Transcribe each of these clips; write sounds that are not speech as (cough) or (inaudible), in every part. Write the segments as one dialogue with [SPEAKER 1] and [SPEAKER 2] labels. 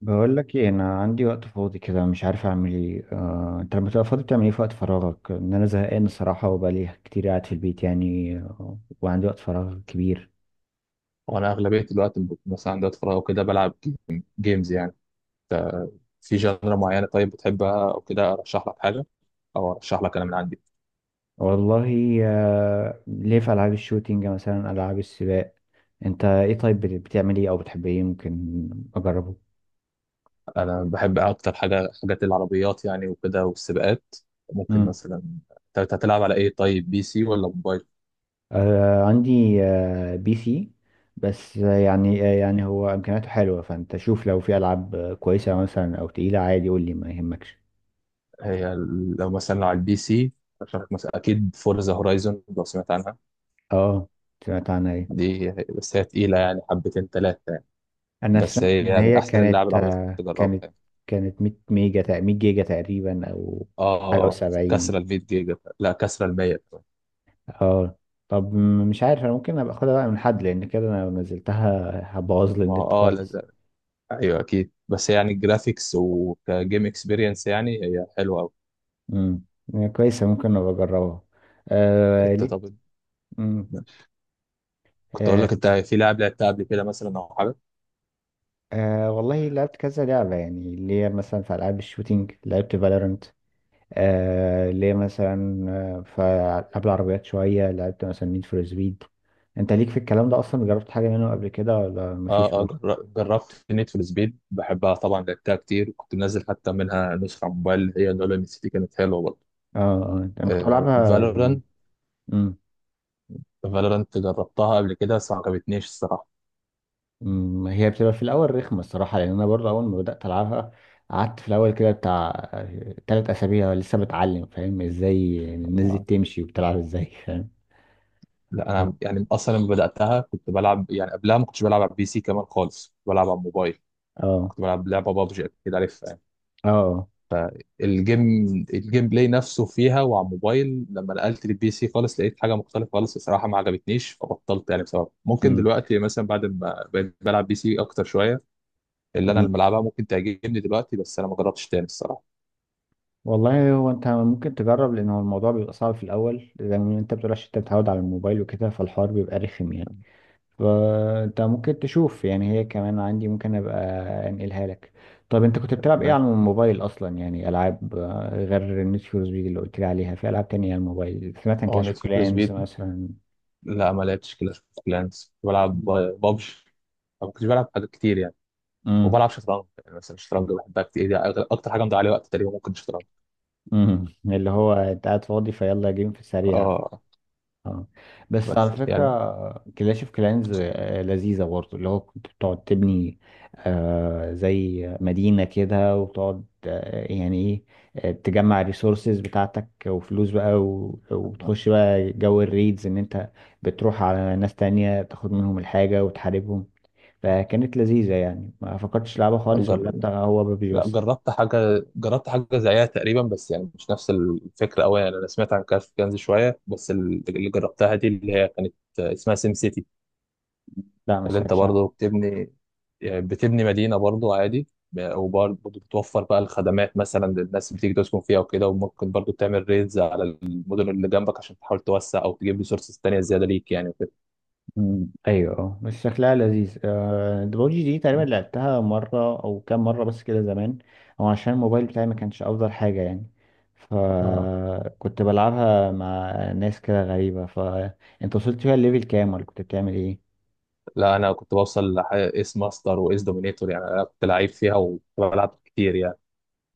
[SPEAKER 1] بقول لك ايه، انا عندي وقت فاضي كده مش عارف اعمل ايه. انت لما تبقى فاضي بتعمل ايه في وقت فراغك؟ ان انا زهقان الصراحه، وبقالي كتير قاعد في البيت وعندي وقت فراغ كبير.
[SPEAKER 2] وانا اغلبيه الوقت مثلا عندي وقت فراغ وكده بلعب جيمز يعني ف- في جانرا معينه طيب بتحبها او كده ارشح لك حاجه او ارشح لك انا من عندي.
[SPEAKER 1] والله ليه، في العاب الشوتينج مثلا، العاب السباق. انت ايه طيب، بتعمل ايه او بتحب ايه ممكن اجربه؟
[SPEAKER 2] أنا بحب اكتر حاجه حاجات العربيات يعني وكده والسباقات ممكن
[SPEAKER 1] مم.
[SPEAKER 2] مثلا. انت هتلعب على ايه طيب، بي سي ولا موبايل؟
[SPEAKER 1] عندي، بي سي. بس يعني هو امكانياته حلوه، فانت شوف لو في العاب كويسه مثلا، او تقيله عادي قول لي ما يهمكش.
[SPEAKER 2] لو مثلا لو على البي سي ارشح لك مثلا اكيد فورزا هورايزون لو سمعت عنها.
[SPEAKER 1] اه سمعت عنها، ايه؟
[SPEAKER 2] دي بس هي تقيله يعني حبتين ثلاثه يعني،
[SPEAKER 1] انا
[SPEAKER 2] بس
[SPEAKER 1] سمعت ان
[SPEAKER 2] هي من
[SPEAKER 1] هي
[SPEAKER 2] احسن اللعب
[SPEAKER 1] كانت
[SPEAKER 2] العربيات اللي
[SPEAKER 1] آه،
[SPEAKER 2] تجربها
[SPEAKER 1] كانت
[SPEAKER 2] يعني.
[SPEAKER 1] كانت 100 ميجا، 100 جيجا تقريبا او
[SPEAKER 2] اه
[SPEAKER 1] حاجه
[SPEAKER 2] اه
[SPEAKER 1] و70.
[SPEAKER 2] كسرة ال 100 جيجا، لا كسرة ال 100 كمان.
[SPEAKER 1] اه، طب، مش عارف، انا ممكن ابقى اخدها بقى من حد، لان كده انا لو نزلتها هبوظ لي
[SPEAKER 2] ما هو
[SPEAKER 1] النت
[SPEAKER 2] اه، لا
[SPEAKER 1] خالص.
[SPEAKER 2] لا. ايوه اكيد بس يعني الجرافيكس وكجيم اكسبيرينس يعني هي حلوه قوي.
[SPEAKER 1] امم، كويسه، ممكن ابقى اجربها. آه
[SPEAKER 2] انت
[SPEAKER 1] ليه.
[SPEAKER 2] طب
[SPEAKER 1] امم.
[SPEAKER 2] كنت اقول
[SPEAKER 1] آه.
[SPEAKER 2] لك، انت في لعب لعبتها قبل كده مثلا او حاجه؟
[SPEAKER 1] آه والله لعبت كذا لعبه يعني، اللي هي مثلا في العاب الشوتينج لعبت فالورنت. آه ليه مثلا. فقبل العربيات شوية لعبت مثلا نيد فور سبيد. انت ليك في الكلام ده اصلا، جربت حاجة منه قبل كده ولا مفيش؟
[SPEAKER 2] اه اه
[SPEAKER 1] ولا
[SPEAKER 2] جربت نيد فور سبيد، بحبها طبعا لعبتها كتير، كنت منزل حتى منها نسخه على الموبايل اللي هي نولان ام سي، كانت حلوه برضه.
[SPEAKER 1] اه، انا كنت
[SPEAKER 2] آه
[SPEAKER 1] بلعبها.
[SPEAKER 2] فالورانت،
[SPEAKER 1] امم.
[SPEAKER 2] فالورانت جربتها قبل كده بس ما عجبتنيش الصراحه.
[SPEAKER 1] أمم، هي بتبقى في الاول رخمة الصراحة، لان انا برضه اول ما بدأت العبها قعدت في الاول كده بتاع 3 اسابيع لسه بتعلم، فاهم؟ ازاي الناس دي
[SPEAKER 2] آه،
[SPEAKER 1] بتمشي وبتلعب ازاي، فاهم؟
[SPEAKER 2] لا انا يعني اصلا لما بداتها كنت بلعب، يعني قبلها ما كنتش بلعب على البي سي كمان خالص، كنت بلعب على الموبايل.
[SPEAKER 1] اه
[SPEAKER 2] كنت بلعب لعبه بابجي اكيد عارفها يعني.
[SPEAKER 1] اه
[SPEAKER 2] فالجيم، الجيم بلاي نفسه فيها وعلى الموبايل، لما نقلت للبي سي خالص لقيت حاجه مختلفه خالص الصراحه ما عجبتنيش فبطلت يعني بسبب. ممكن
[SPEAKER 1] أمم.
[SPEAKER 2] دلوقتي مثلا بعد ما بقيت بلعب بي سي اكتر شويه اللي انا
[SPEAKER 1] أمم.
[SPEAKER 2] اللي بلعبها ممكن تعجبني دلوقتي، بس انا ما جربتش تاني الصراحه.
[SPEAKER 1] والله هو انت ممكن تجرب، لان هو الموضوع بيبقى صعب في الاول، لان انت بتقول عشان انت متعود على الموبايل وكده، فالحوار بيبقى رخم يعني. فانت ممكن تشوف، يعني هي كمان عندي ممكن ابقى انقلها لك. طب انت كنت بتلعب ايه
[SPEAKER 2] تمام.
[SPEAKER 1] على الموبايل اصلا؟ يعني العاب غير نيد فور سبيد اللي قلت لي عليها، في العاب تانية على الموبايل؟ سمعت عن
[SPEAKER 2] اه
[SPEAKER 1] كلاش
[SPEAKER 2] نيد
[SPEAKER 1] اوف
[SPEAKER 2] فور
[SPEAKER 1] كلانز
[SPEAKER 2] سبيد.
[SPEAKER 1] مثلا؟
[SPEAKER 2] لا ما لعبتش كلاش اوف كلانس، بلعب بابجي. ما كنتش بلعب حاجات كتير يعني،
[SPEAKER 1] امم.
[SPEAKER 2] وبلعب شطرنج يعني. مثلا الشطرنج بحبها كتير دي، اكتر حاجه مضيع عليها وقت تقريبا ممكن الشطرنج.
[SPEAKER 1] امم، اللي هو انت قاعد فاضي فيلا جيم في السريع.
[SPEAKER 2] اه
[SPEAKER 1] اه، بس على
[SPEAKER 2] بس يعني
[SPEAKER 1] فكرة كلاش اوف كلانز لذيذة برضه، اللي هو كنت بتقعد تبني آه زي مدينة كده، وتقعد آه يعني ايه، تجمع الريسورسز بتاعتك وفلوس بقى،
[SPEAKER 2] آه.
[SPEAKER 1] وبتخش بقى جو الريدز، ان انت بتروح على ناس تانية تاخد منهم الحاجة وتحاربهم. فكانت لذيذة يعني، ما فكرتش لعبة خالص؟ ولا
[SPEAKER 2] جر...
[SPEAKER 1] انت هو ببجي
[SPEAKER 2] لا
[SPEAKER 1] بس؟
[SPEAKER 2] جربت حاجه، زيها تقريبا بس يعني مش نفس الفكره قوي يعني. انا سمعت عن كاش كنز شويه، بس اللي جربتها دي اللي هي كانت اسمها سيم سيتي،
[SPEAKER 1] لا ما
[SPEAKER 2] اللي انت
[SPEAKER 1] سمعتش.
[SPEAKER 2] برضه بتبني. يعني بتبني مدينه برضه عادي، وبرضه بتوفر بقى الخدمات مثلا للناس اللي بتيجي تسكن فيها وكده، وممكن برضه تعمل ريدز على المدن اللي جنبك عشان تحاول توسع او تجيب ريسورسز تانية زياده ليك يعني وكده.
[SPEAKER 1] مم. ايوه اه، بس شكلها لذيذ. ببجي دي تقريبا لعبتها مره او كام مره بس كده زمان، او عشان الموبايل بتاعي ما كانش افضل حاجه يعني.
[SPEAKER 2] آه.
[SPEAKER 1] فكنت بلعبها مع ناس كده غريبه. فانت وصلت فيها الليفل كام؟ ولا كنت بتعمل ايه؟
[SPEAKER 2] لا انا كنت بوصل ايس ماستر وايس دومينيتور، يعني انا كنت لعيب فيها وكنت بلعب كتير يعني.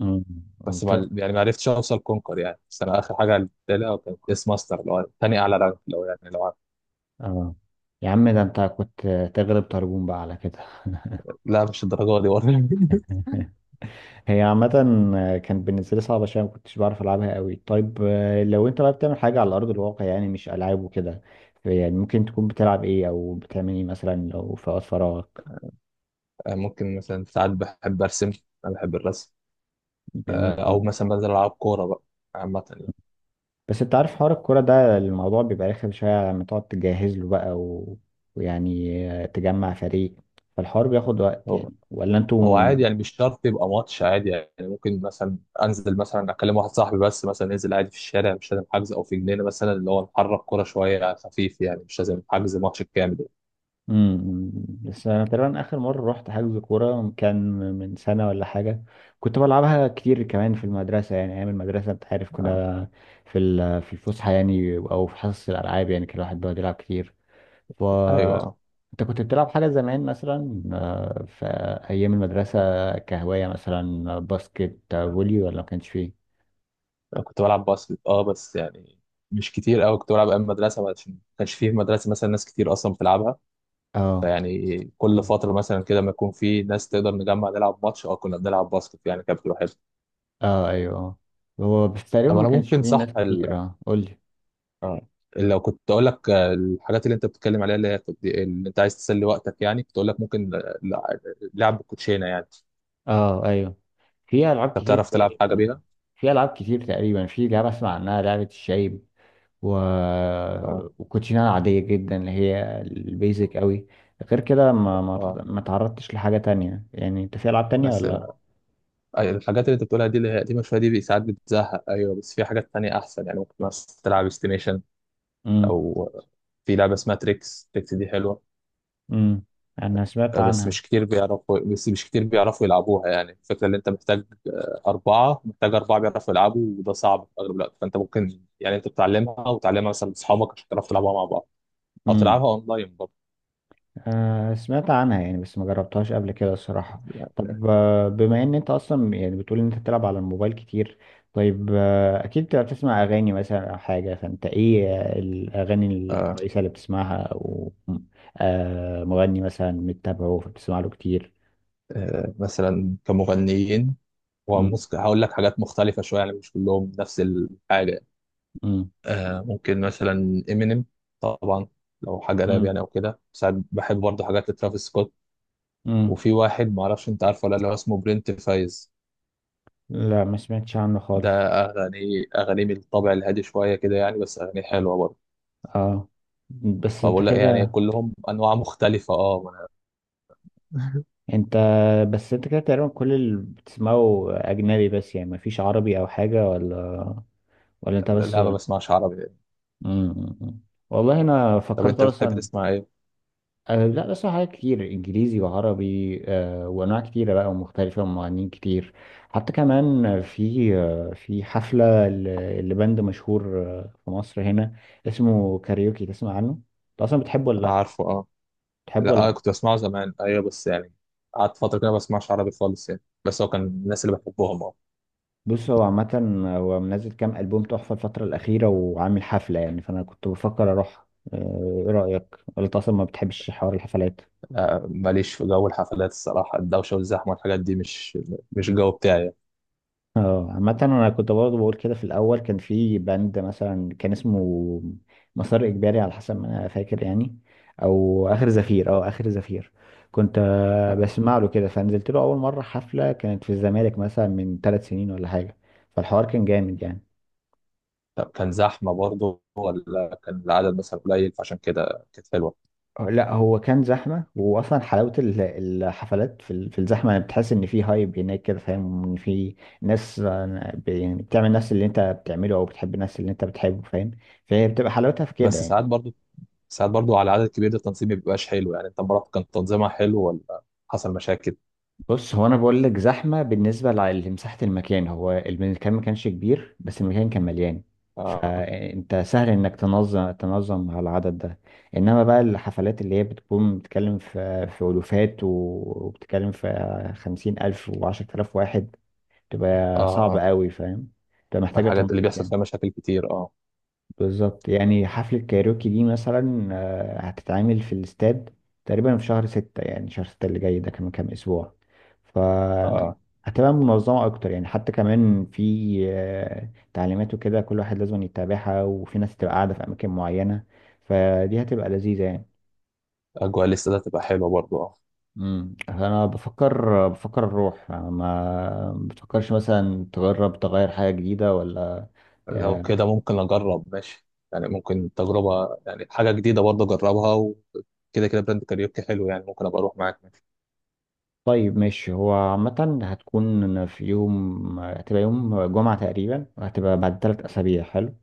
[SPEAKER 1] مم.
[SPEAKER 2] بس
[SPEAKER 1] انت،
[SPEAKER 2] ما يعني ما عرفتش اوصل كونكر يعني، بس انا اخر حاجه لعبتها لها كانت ايس ماستر اللي هو تاني اعلى رانك لو يعني لو عارف.
[SPEAKER 1] اه، يا عم ده انت كنت تغلب طربون بقى على كده (laughs)
[SPEAKER 2] لا مش الدرجه دي برضه (laughs)
[SPEAKER 1] هي عامة كانت بالنسبة لي صعبة شوية، ما كنتش بعرف ألعبها قوي. طيب لو أنت بقى بتعمل حاجة على أرض الواقع يعني، مش ألعاب وكده، يعني ممكن تكون بتلعب إيه أو بتعمل إيه مثلا لو في وقت فراغك؟
[SPEAKER 2] ممكن مثلا ساعات بحب ارسم، انا بحب الرسم. آه،
[SPEAKER 1] جميل أوي.
[SPEAKER 2] او مثلا بنزل العب كوره بقى، عامه يعني.
[SPEAKER 1] بس أنت عارف حوار الكورة ده الموضوع بيبقى رخم شوية، لما تقعد تجهز له بقى و... ويعني تجمع فريق، فالحوار بياخد وقت يعني. ولا
[SPEAKER 2] هو
[SPEAKER 1] أنتوا؟
[SPEAKER 2] عادي يعني مش شرط يبقى ماتش عادي يعني. ممكن مثلا انزل مثلا اكلم واحد صاحبي بس مثلا ننزل عادي في الشارع، مش لازم حجز، او في جنينه مثلا اللي هو نحرك كوره شويه على خفيف، يعني مش لازم حجز ماتش كامل.
[SPEAKER 1] امم. بس انا تقريبا اخر مره رحت حجز كوره كان من سنه ولا حاجه. كنت بلعبها كتير كمان في المدرسه، يعني ايام المدرسه انت عارف،
[SPEAKER 2] آه.
[SPEAKER 1] كنا في في الفسحه يعني، او في حصص الالعاب، يعني كان الواحد بيقعد يلعب كتير. ف،
[SPEAKER 2] ايوه
[SPEAKER 1] انت كنت بتلعب حاجه زمان مثلا في ايام المدرسه، كهوايه مثلا، باسكت، فولي، ولا ما كانش فيه؟
[SPEAKER 2] انا كنت بلعب باسكت، اه بس يعني مش كتير قوي. كنت بلعب ايام مدرسه، عشان ما كانش فيه في مدرسه مثلا ناس كتير اصلا بتلعبها.
[SPEAKER 1] اه
[SPEAKER 2] فيعني كل فتره مثلا كده ما يكون في ناس تقدر نجمع نلعب ماتش، اه كنا بنلعب باسكت يعني، كانت بتبقى حلوه.
[SPEAKER 1] اه ايوه. هو بس تقريبا
[SPEAKER 2] طب
[SPEAKER 1] ما
[SPEAKER 2] انا
[SPEAKER 1] كانش
[SPEAKER 2] ممكن
[SPEAKER 1] فيه ناس
[SPEAKER 2] صح،
[SPEAKER 1] كتير. اه قول لي.
[SPEAKER 2] اه لو كنت اقول لك الحاجات اللي انت بتتكلم عليها اللي هي اللي انت عايز تسلي وقتك يعني، كنت اقول لك ممكن لعب الكوتشينه يعني.
[SPEAKER 1] اه ايوه، في العاب
[SPEAKER 2] انت
[SPEAKER 1] كتير
[SPEAKER 2] بتعرف تلعب حاجه
[SPEAKER 1] تقريبا.
[SPEAKER 2] بيها؟
[SPEAKER 1] في العاب كتير تقريبا، في لعبه اسمع عنها لعبه الشايب و...
[SPEAKER 2] اه
[SPEAKER 1] وكوتشينه عاديه جدا اللي هي البيزك قوي. غير كده ما ما
[SPEAKER 2] اه.
[SPEAKER 1] ما تعرضتش لحاجه تانية يعني، انت في العاب تانية
[SPEAKER 2] بس
[SPEAKER 1] ولا؟
[SPEAKER 2] الحاجات اللي انت بتقولها دي اللي هي قديمه شويه دي ساعات بتزهق، ايوه بس في حاجات تانية احسن يعني. ممكن مثلا تلعب استيميشن،
[SPEAKER 1] امم.
[SPEAKER 2] او في لعبه اسمها تريكس، تريكس دي حلوه.
[SPEAKER 1] امم. انا سمعت
[SPEAKER 2] آه، بس
[SPEAKER 1] عنها.
[SPEAKER 2] مش كتير بيعرفوا، يلعبوها يعني. الفكرة اللي انت محتاج آه، أربعة محتاج أربعة بيعرفوا يلعبوا، وده صعب في أغلب الوقت، فأنت ممكن يعني أنت بتعلمها وتعلمها مثلا لأصحابك عشان تعرفوا تلعبوها مع بعض، أو تلعبها أونلاين برضه.
[SPEAKER 1] سمعت عنها يعني، بس ما جربتهاش قبل كده الصراحة. طب بما ان انت اصلا يعني بتقول ان انت بتلعب على الموبايل كتير، طيب اكيد بتبقى بتسمع اغاني مثلا او حاجة، فانت ايه الاغاني
[SPEAKER 2] آه.
[SPEAKER 1] الكويسة اللي بتسمعها؟ او مغني مثلا متابعه فبتسمع له كتير؟
[SPEAKER 2] آه. مثلا كمغنيين
[SPEAKER 1] مم،
[SPEAKER 2] وموسيقى هقول لك حاجات مختلفة شوية يعني مش كلهم نفس الحاجة.
[SPEAKER 1] مم،
[SPEAKER 2] آه. ممكن مثلا إمينيم طبعا لو حاجة راب
[SPEAKER 1] مم،
[SPEAKER 2] يعني، أو كده ساعات بحب برضه حاجات لترافيس سكوت.
[SPEAKER 1] مم.
[SPEAKER 2] وفي واحد معرفش أنت عارفه ولا لا اللي هو اسمه برنت فايز،
[SPEAKER 1] لا ما سمعتش عنه خالص.
[SPEAKER 2] ده أغاني، من الطابع الهادي شوية كده يعني، بس أغاني حلوة برضه.
[SPEAKER 1] اه، بس انت
[SPEAKER 2] فبقول لك يعني
[SPEAKER 1] كده،
[SPEAKER 2] كلهم أنواع مختلفة، أه ما أنا
[SPEAKER 1] انت، بس انت كده تقريبا كل اللي بتسمعه اجنبي بس يعني، ما فيش عربي او حاجة؟ ولا ولا انت
[SPEAKER 2] (laughs)
[SPEAKER 1] بس؟
[SPEAKER 2] لا ما بسمعش عربي يعني.
[SPEAKER 1] مم. والله انا
[SPEAKER 2] طب
[SPEAKER 1] فكرت
[SPEAKER 2] أنت بتحب
[SPEAKER 1] اصلا.
[SPEAKER 2] تسمع إيه؟
[SPEAKER 1] أه لا، بس حاجات كتير انجليزي وعربي، أه وانواع كتيره بقى ومختلفه ومغنيين كتير. حتى كمان في في حفله لبند مشهور في مصر هنا اسمه كاريوكي، تسمع عنه؟ انت اصلا بتحبه ولا لا؟
[SPEAKER 2] عارفه أه.
[SPEAKER 1] بتحبه ولا
[SPEAKER 2] لا أه
[SPEAKER 1] لا؟
[SPEAKER 2] كنت بسمعه زمان أيوه بس يعني قعدت فترة كده ما بسمعش عربي خالص يعني، بس هو كان الناس اللي بحبهم أه.
[SPEAKER 1] بص هو عامه، هو منزل كام البوم تحفه الفتره الاخيره وعامل حفله يعني، فانا كنت بفكر اروح. ايه رايك؟ ولا انت اصلا ما بتحبش حوار الحفلات؟
[SPEAKER 2] ماليش في جو الحفلات الصراحة، الدوشة والزحمة والحاجات دي مش، مش الجو بتاعي يعني.
[SPEAKER 1] اه عامة انا كنت برضه بقول كده في الاول. كان في باند مثلا كان اسمه مسار اجباري على حسب ما انا فاكر يعني، او اخر زفير، اه اخر زفير، كنت
[SPEAKER 2] آه.
[SPEAKER 1] بسمع له كده، فنزلت له اول مرة حفلة، كانت في الزمالك مثلا من 3 سنين ولا حاجة، فالحوار كان جامد يعني.
[SPEAKER 2] طب كان زحمة برضه ولا كان العدد مثلا قليل فعشان كده كانت حلوة؟
[SPEAKER 1] لا هو كان زحمة، وأصلا حلاوة الحفلات في في الزحمة يعني، بتحس إن في هايب هناك كده، فاهم؟ إن في ناس يعني بتعمل نفس اللي أنت بتعمله، أو بتحب الناس اللي أنت بتحبه، فاهم؟ فهي بتبقى حلاوتها في كده
[SPEAKER 2] بس
[SPEAKER 1] يعني.
[SPEAKER 2] ساعات برضه، ساعات برضو على عدد كبير ده التنظيم ما بيبقاش حلو يعني. انت مرات كان تنظيمها حلو ولا حصل مشاكل؟
[SPEAKER 1] بص هو انا بقول لك زحمه بالنسبه لمساحه المكان، هو المكان ما كانش كبير بس المكان كان مليان،
[SPEAKER 2] اه
[SPEAKER 1] فانت سهل انك تنظم على العدد ده. انما بقى الحفلات اللي هي بتكون بتتكلم في الوفات وبتتكلم في 50,000 و10,000 واحد،
[SPEAKER 2] اه
[SPEAKER 1] تبقى صعب
[SPEAKER 2] اه.
[SPEAKER 1] قوي، فاهم؟ تبقى
[SPEAKER 2] من
[SPEAKER 1] محتاجه
[SPEAKER 2] الحاجات اللي
[SPEAKER 1] تنظيم
[SPEAKER 2] بيحصل
[SPEAKER 1] يعني.
[SPEAKER 2] فيها مشاكل كتير اه.
[SPEAKER 1] بالظبط، يعني حفلة كايروكي دي مثلا هتتعمل في الاستاد تقريبا في شهر ستة، يعني شهر ستة اللي جاي ده، كمان كام أسبوع ف
[SPEAKER 2] اه
[SPEAKER 1] هتبقى منظمة أكتر يعني. حتى كمان في تعليمات وكده كل واحد لازم يتابعها، وفي ناس تبقى قاعدة في أماكن معينة، فدي هتبقى لذيذة يعني.
[SPEAKER 2] اجواء الاستاد تبقى حلوه برضو اه.
[SPEAKER 1] امم، أنا بفكر أروح. ما بتفكرش مثلا تجرب تغير حاجة جديدة ولا؟
[SPEAKER 2] لو كده ممكن اجرب ماشي، يعني ممكن تجربه يعني حاجه جديده برضو اجربها وكده، كده براند كاريوكي حلو يعني، ممكن ابقى اروح معاك ماشي.
[SPEAKER 1] طيب ماشي، هو عامة هتكون في يوم، هتبقى يوم جمعة تقريبا، وهتبقى بعد 3 أسابيع. حلو.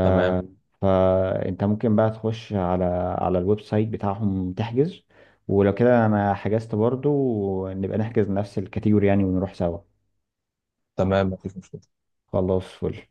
[SPEAKER 2] تمام،
[SPEAKER 1] فأنت ممكن بقى تخش على على الويب سايت بتاعهم تحجز، ولو كده أنا حجزت برضو نبقى نحجز نفس الكاتيجوري يعني ونروح سوا.
[SPEAKER 2] تمام مفيش مشكله.
[SPEAKER 1] خلاص، فل.